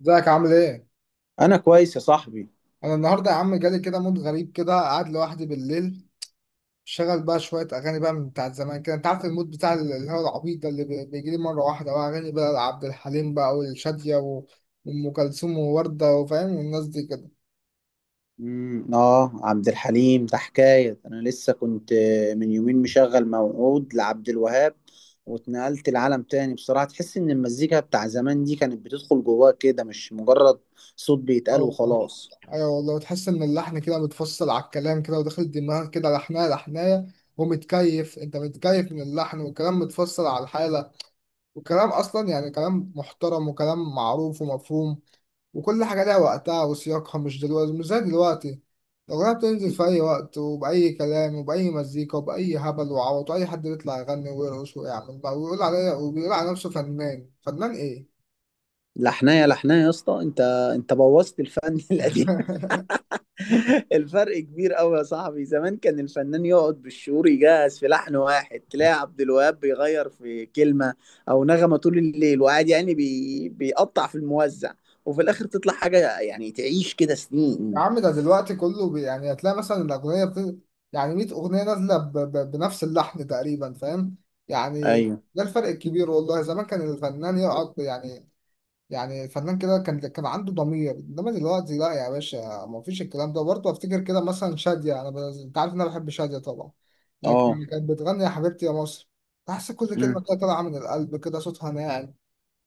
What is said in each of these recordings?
ازيك عامل ايه؟ انا كويس يا صاحبي. انا النهارده يا عم جالي كده مود غريب كده قاعد لوحدي بالليل. شغل بقى شويه اغاني بقى من بتاعت زمان كده، انت عارف المود بتاع اللي هو العبيط ده اللي بيجي لي مره واحده، بقى اغاني بقى لعبد الحليم بقى والشاديه وام كلثوم وورده وفاهم والناس دي كده. اه عبد الحليم ده حكايه. انا لسه كنت من يومين مشغل موعود لعبد الوهاب، واتنقلت لعالم تاني بصراحه. تحس ان المزيكا بتاع زمان دي كانت بتدخل جواك كده، مش مجرد صوت اه بيتقال والله. وخلاص. ايوه والله، تحس ان اللحن كده متفصل على الكلام كده وداخل دماغك كده لحنايه لحنايه. ومتكيف، انت متكيف من اللحن، والكلام متفصل على الحاله. والكلام اصلا يعني كلام محترم وكلام معروف ومفهوم. وكل حاجة لها وقتها وسياقها، مش دلوقتي، مش زي دلوقتي. الأغنية بتنزل في أي وقت وبأي كلام وبأي مزيكا وبأي هبل وعوط، وأي حد يطلع يغني ويرقص ويعمل بقى، ويقول عليا، وبيقول على نفسه فنان. فنان إيه؟ لحنايه لحنايه يا اسطى انت بوظت الفن القديم. الفرق كبير قوي يا صاحبي. زمان كان الفنان يقعد بالشهور يجهز في لحن واحد، تلاقي عبد الوهاب بيغير في كلمة أو نغمة طول الليل، وقاعد يعني بيقطع في الموزع، وفي الآخر تطلع حاجة يعني تعيش كده يا سنين. عم ده دلوقتي كله بي يعني، هتلاقي مثلا الأغنية بت... يعني 100 أغنية نازلة ب... ب... بنفس اللحن تقريبا، فاهم؟ يعني ايوه. ده الفرق الكبير والله. زمان كان الفنان يقعد يعني، يعني فنان كده، كان عنده ضمير، انما دلوقتي لا يا باشا. ما فيش الكلام ده برضه. افتكر كده مثلا شادية، انا ب...، انت عارف ان انا بحب شادية طبعا، اه. لكن كانت بتغني يا حبيبتي يا مصر. تحس كل كلمة كده طالعة من القلب كده، صوتها ناعم،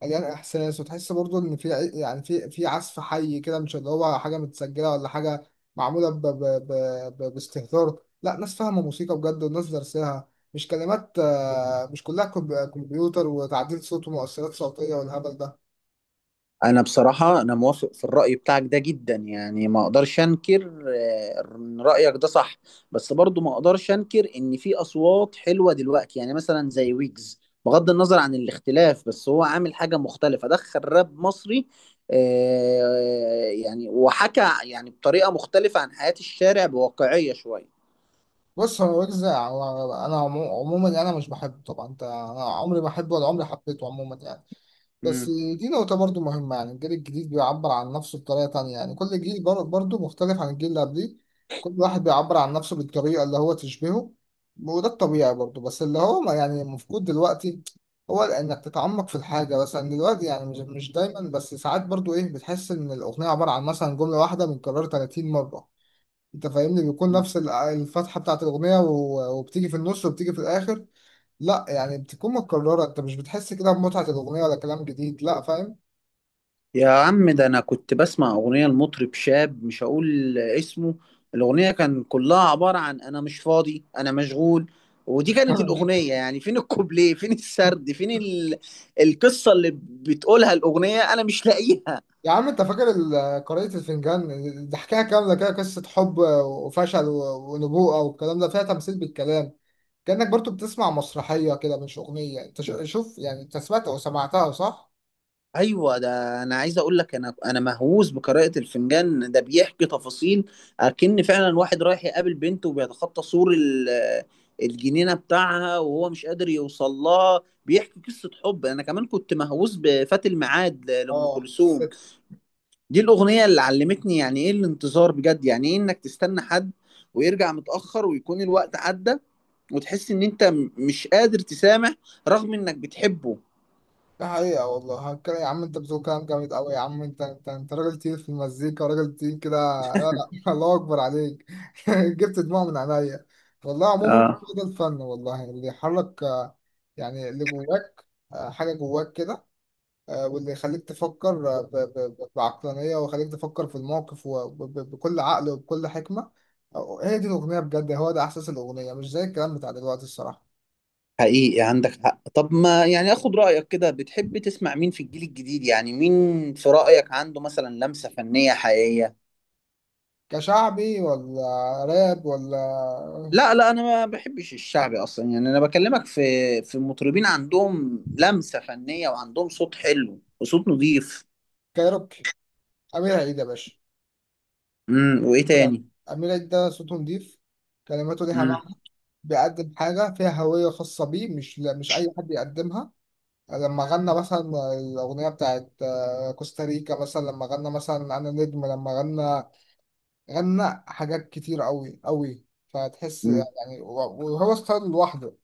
مليان احساس، وتحس برضه ان في يعني في عزف حي كده، مش اللي هو حاجة متسجلة ولا حاجة معمولة ب... ب... ب... ب... باستهتار. لا، ناس فاهمة موسيقى بجد، والناس درسها، مش كلمات، مش كلها كمبيوتر وتعديل صوت ومؤثرات صوتية والهبل ده. انا بصراحة انا موافق في الرأي بتاعك ده جدا، يعني ما اقدرش انكر ان رأيك ده صح. بس برضو ما اقدرش انكر ان في اصوات حلوة دلوقتي، يعني مثلا زي ويجز. بغض النظر عن الاختلاف، بس هو عامل حاجة مختلفة، دخل راب مصري، يعني وحكى يعني بطريقة مختلفة عن حياة الشارع بواقعية شوية. بص، هو ويجز انا عموما انا مش بحبه طبعا، انت انا عمري ما بحبه ولا عمري حبيته عموما يعني. بس مم. دي نقطة برضو مهمة، يعني الجيل الجديد بيعبر عن نفسه بطريقة تانية، يعني كل جيل برضو مختلف عن الجيل اللي قبليه. كل واحد بيعبر عن نفسه بالطريقة اللي هو تشبهه. وده الطبيعي برضو. بس اللي هو ما يعني مفقود دلوقتي هو انك تتعمق في الحاجة. مثلا دلوقتي يعني مش دايما، بس ساعات برضو ايه، بتحس ان الاغنية عبارة عن مثلا جملة واحدة متكررة 30 مرة، انت فاهمني، بيكون نفس الفتحه بتاعت الاغنيه وبتيجي في النص وبتيجي في الاخر. لا يعني بتكون متكرره، انت مش بتحس كده بمتعه الاغنيه ولا كلام جديد، لا فاهم. يا عم، ده انا كنت بسمع اغنيه لمطرب شاب مش هقول اسمه. الاغنيه كان كلها عباره عن انا مش فاضي انا مشغول، ودي كانت الاغنيه. يعني فين الكوبليه، فين السرد، فين؟ القصه اللي بتقولها الاغنيه انا مش لاقيها. يا عم انت فاكر قارئة الفنجان؟ ده حكايه كامله كده، قصه حب وفشل ونبوءه والكلام ده، فيها تمثيل بالكلام، كانك برضو بتسمع مسرحيه كده مش اغنيه. انت شوف يعني، انت سمعت او سمعتها صح؟ ايوه، ده انا عايز اقول لك، انا مهووس بقراءه الفنجان. ده بيحكي تفاصيل، اكن فعلا واحد رايح يقابل بنته وبيتخطى سور الجنينه بتاعها وهو مش قادر يوصل لها، بيحكي قصه حب. انا كمان كنت مهووس بفات الميعاد لام اه. كلثوم. دي الاغنيه اللي علمتني يعني ايه الانتظار بجد، يعني ايه انك تستنى حد ويرجع متاخر ويكون الوقت عدى، وتحس ان انت مش قادر تسامح رغم انك بتحبه. ده حقيقة والله، هتكلم يا عم، انت بتقول كلام جامد قوي يا عم، انت انت راجل تقيل في المزيكا، راجل تقيل كده. لا. الله اكبر عليك. جبت دموع من عينيا والله. عموما اه، ده الفن والله، اللي يحرك، يعني اللي جواك، حاجة جواك كده، واللي يخليك تفكر، بعقلانية، ويخليك تفكر في الموقف وبكل عقل وبكل حكمة. هي دي الأغنية بجد، هو ده إحساس الأغنية، مش زي الكلام بتاع دلوقتي الصراحة. حقيقي عندك حق. طب ما يعني اخد رأيك كده، بتحب تسمع مين في الجيل الجديد؟ يعني مين في رأيك عنده مثلا لمسة فنية حقيقية؟ كشعبي ولا راب ولا؟ لا، لا، انا ما بحبش الشعبي اصلا. يعني انا بكلمك في مطربين عندهم لمسة فنية وعندهم صوت حلو وصوت نظيف. كايروكي. أمير عيد يا باشا. وايه أمير عيد. تاني؟ أمير عيد ده صوته نضيف، كلماته ليها امم معنى، بيقدم حاجة فيها هوية خاصة بيه، مش مش أي حد يقدمها. لما غنى مثلا الأغنية بتاعت، كوستاريكا مثلا، لما غنى مثلا أنا نجم، لما غنى، غنى حاجات كتير أوي أوي، فتحس امم يعني وهو ستايل لوحده،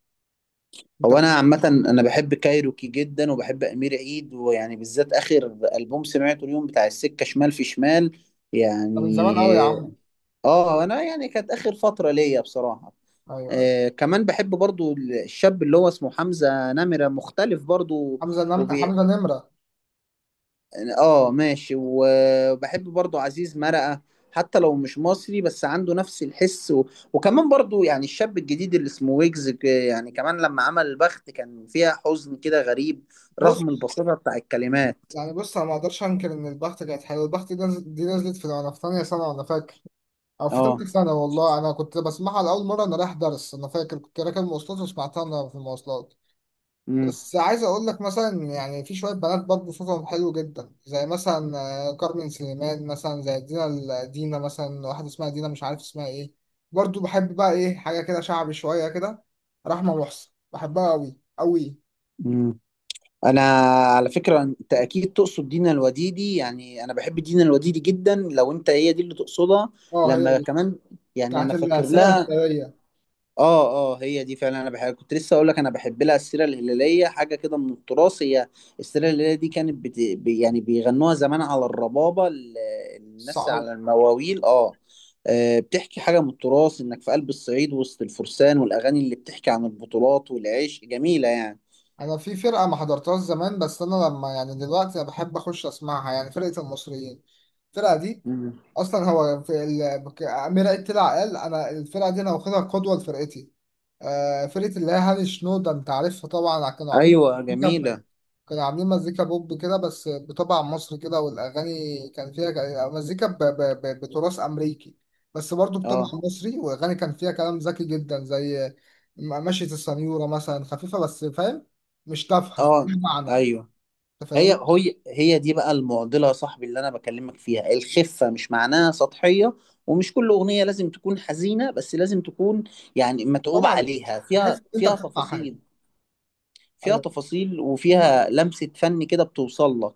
أنت هو انا فاهم. عامة انا بحب كايروكي جدا، وبحب امير عيد. ويعني بالذات اخر ألبوم سمعته اليوم بتاع السكة شمال في شمال ده من زمان أوي يا عم. يعني. اه، انا يعني كانت اخر فتره ليا بصراحه. أيوه. كمان بحب برضو الشاب اللي هو اسمه حمزه نمره، مختلف برضو. وبي... حمزة نمرة. اه، ماشي. وبحب برضو عزيز مرقه، حتى لو مش مصري بس عنده نفس الحس. وكمان برضو يعني الشاب الجديد اللي اسمه ويجز، يعني كمان لما عمل البخت كان فيها حزن كده غريب رغم بص البساطه بتاع الكلمات. يعني، بص أنا ما أقدرش أنكر إن البخت كانت حلوة. البخت دي نزلت، دي نزلت في وأنا في تانية سنة وأنا فاكر، أو في اه. تالتة سنة، والله أنا كنت بسمعها لأول مرة أنا رايح درس، أنا فاكر كنت راكب مواصلات وسمعتها أنا في المواصلات. بس عايز أقول لك مثلا يعني، في شوية بنات برضه صوتهم حلو جدا، زي مثلا كارمن سليمان مثلا، زي دينا مثلا، واحدة اسمها دينا مش عارف اسمها إيه. برضه بحب بقى إيه حاجة كده شعبي شوية كده، رحمة محسن بحبها أوي أوي. امم انا على فكره انت اكيد تقصد دينا الوديدي. يعني انا بحب دينا الوديدي جدا لو انت هي دي اللي تقصدها. أه هي لما دي. كمان، يعني انا بتاعت فاكر السيرة لها. الهلالية. اه، اه، هي دي فعلا. انا بحب، كنت لسه اقول لك انا بحب لها السيره الهلاليه، حاجه كده من التراث. هي السيره الهلاليه دي كانت يعني بيغنوها زمان على الربابه، الناس على المواويل، اه. بتحكي حاجة من التراث، إنك في قلب الصعيد وسط الفرسان والأغاني اللي بتحكي عن البطولات والعيش جميلة يعني. انا في فرقه ما حضرتهاش زمان، بس انا لما يعني دلوقتي انا بحب اخش اسمعها، يعني فرقه المصريين، الفرقه دي، مم. اصلا هو في ال...، امير عيد طلع قال انا الفرقه دي انا واخدها قدوه لفرقتي. آه، فرقه اللي هي هاني شنودة، انت عارفها طبعا، كانوا عاملين أيوة، مزيكا جميلة. كانوا عاملين مزيكا بوب كده، بس بطبع مصري كده، والاغاني كان فيها مزيكا ب... ب... ب... بتراث امريكي، بس برضه بطبع اه، مصري، واغاني كان فيها كلام ذكي جدا زي مشية السنيوره مثلا، خفيفه بس فاهم، مش تافهه، اه، ليها معنى، ايوه. انت فاهم. هي دي بقى المعضله يا صاحبي، اللي انا بكلمك فيها. الخفه مش معناها سطحيه، ومش كل اغنيه لازم تكون حزينه، بس لازم تكون يعني متعوب طبعا، عليها، تحس فيها ان انت فيها بتسمع حاجه. تفاصيل فيها ايوه. تفاصيل، وفيها لمسه فن كده بتوصل لك.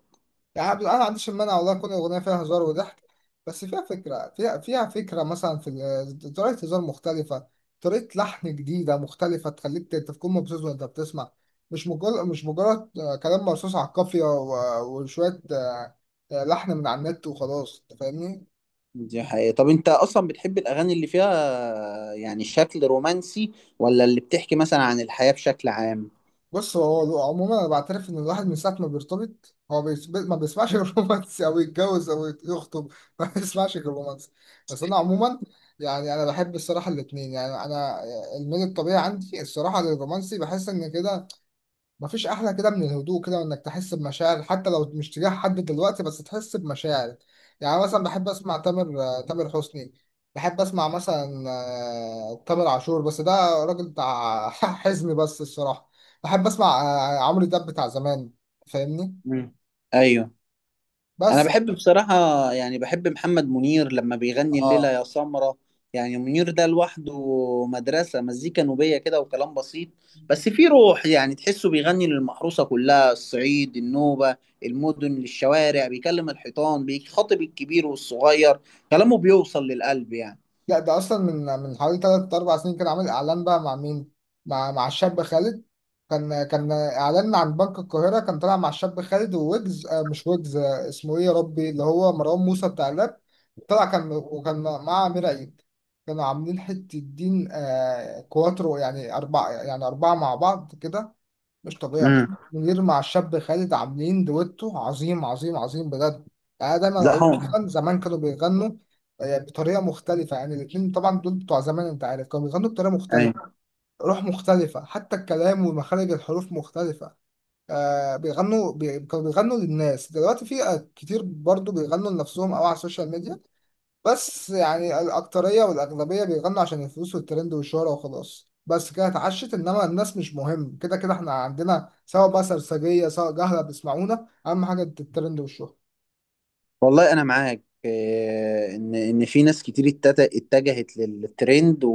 يعني أنا ما عنديش المانع والله تكون الأغنية فيها هزار وضحك، بس فيها فكرة، فيها فكرة، مثلا في طريقة هزار مختلفة، طريقة لحن جديدة مختلفة، تخليك تكون مبسوط وأنت بتسمع، مش مجرد، مش مجرد كلام مرصوص على القافية وشوية، لحن من على النت وخلاص، أنت فاهمني؟ دي حقيقة. طب انت اصلا بتحب الاغاني اللي فيها يعني شكل رومانسي، ولا اللي بتحكي مثلا عن الحياه بشكل عام؟ بص، هو عموما انا بعترف ان الواحد من ساعه ما بيرتبط هو ما بيسمعش غير رومانسي، او يتجوز او يخطب، ما بيسمعش غير رومانسي. بس انا عموما يعني انا بحب الصراحه الاثنين، يعني انا الميل الطبيعي عندي الصراحه للرومانسي. بحس ان كده مفيش أحلى كده من الهدوء كده، وإنك تحس بمشاعر حتى لو مش تجاه حد دلوقتي، بس تحس بمشاعر. يعني مثلا بحب أسمع تامر حسني، بحب أسمع مثلا تامر عاشور، بس ده راجل بتاع حزن بس الصراحة. بحب أسمع عمرو دياب بتاع زمان، فاهمني. مم. ايوه، انا بس بحب بصراحة. يعني بحب محمد منير لما بيغني الليلة اه. يا سمرة. يعني منير ده لوحده مدرسة، مزيكا نوبية كده وكلام بسيط، بس في روح. يعني تحسه بيغني للمحروسة كلها، الصعيد، النوبة، المدن، للشوارع، بيكلم الحيطان، بيخاطب الكبير والصغير. كلامه بيوصل للقلب يعني. لا ده اصلا من حوالي ثلاث اربع سنين، كان عامل اعلان بقى مع مين؟ مع الشاب خالد. كان اعلان عن بنك القاهره، كان طالع مع الشاب خالد وويجز، آه مش ويجز، آه اسمه ايه يا ربي، اللي هو مروان موسى بتاع الراب، طلع كان، وكان مع امير عيد. كانوا عاملين حته الدين، آه كواترو يعني اربعه، يعني اربعه مع بعض كده. مش طبيعي امم محمد منير مع الشاب خالد، عاملين دويتو عظيم عظيم عظيم بجد. يعني انا دايما لا. اقول، هو. زمان كانوا بيغنوا بطريقه مختلفه، يعني الاثنين طبعا دول بتوع زمان، انت عارف كانوا بيغنوا بطريقه مختلفه، أيوة. روح مختلفه، حتى الكلام ومخارج الحروف مختلفه. آه بيغنوا بي...، كانوا بيغنوا للناس. دلوقتي في كتير برضو بيغنوا لنفسهم او على السوشيال ميديا، بس يعني الأكترية والأغلبية بيغنوا عشان الفلوس والترند والشهرة وخلاص. بس كده اتعشت، إنما الناس مش مهم، كده كده إحنا عندنا سواء بقى سرسجية سواء جهلة بيسمعونا، أهم حاجة الترند والشهرة. والله انا معاك ان في ناس كتير اتجهت للترند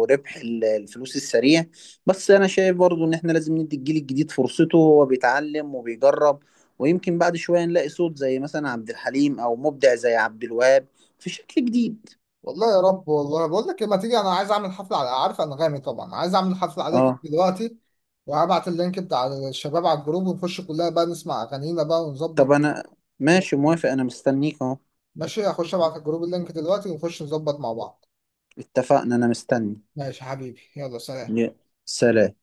وربح الفلوس السريع. بس انا شايف برضو ان احنا لازم ندي الجيل الجديد فرصته، وهو بيتعلم وبيجرب، ويمكن بعد شوية نلاقي صوت زي مثلا عبد الحليم، او مبدع زي عبد الوهاب في شكل جديد. والله يا رب. والله بقول لك إيه، ما تيجي، أنا عايز أعمل حفلة على عارف أنغامي طبعا، عايز أعمل حفلة عليك اه، دلوقتي، وهبعت اللينك بتاع الشباب على الجروب، ونخش كلنا بقى نسمع أغانينا بقى طب ونظبط. انا ماشي، موافق، انا مستنيك اهو. ماشي هخش أبعت الجروب اللينك دلوقتي، ونخش نظبط مع بعض. اتفقنا، انا مستني. ماشي يا حبيبي، يلا سلام. يا سلام.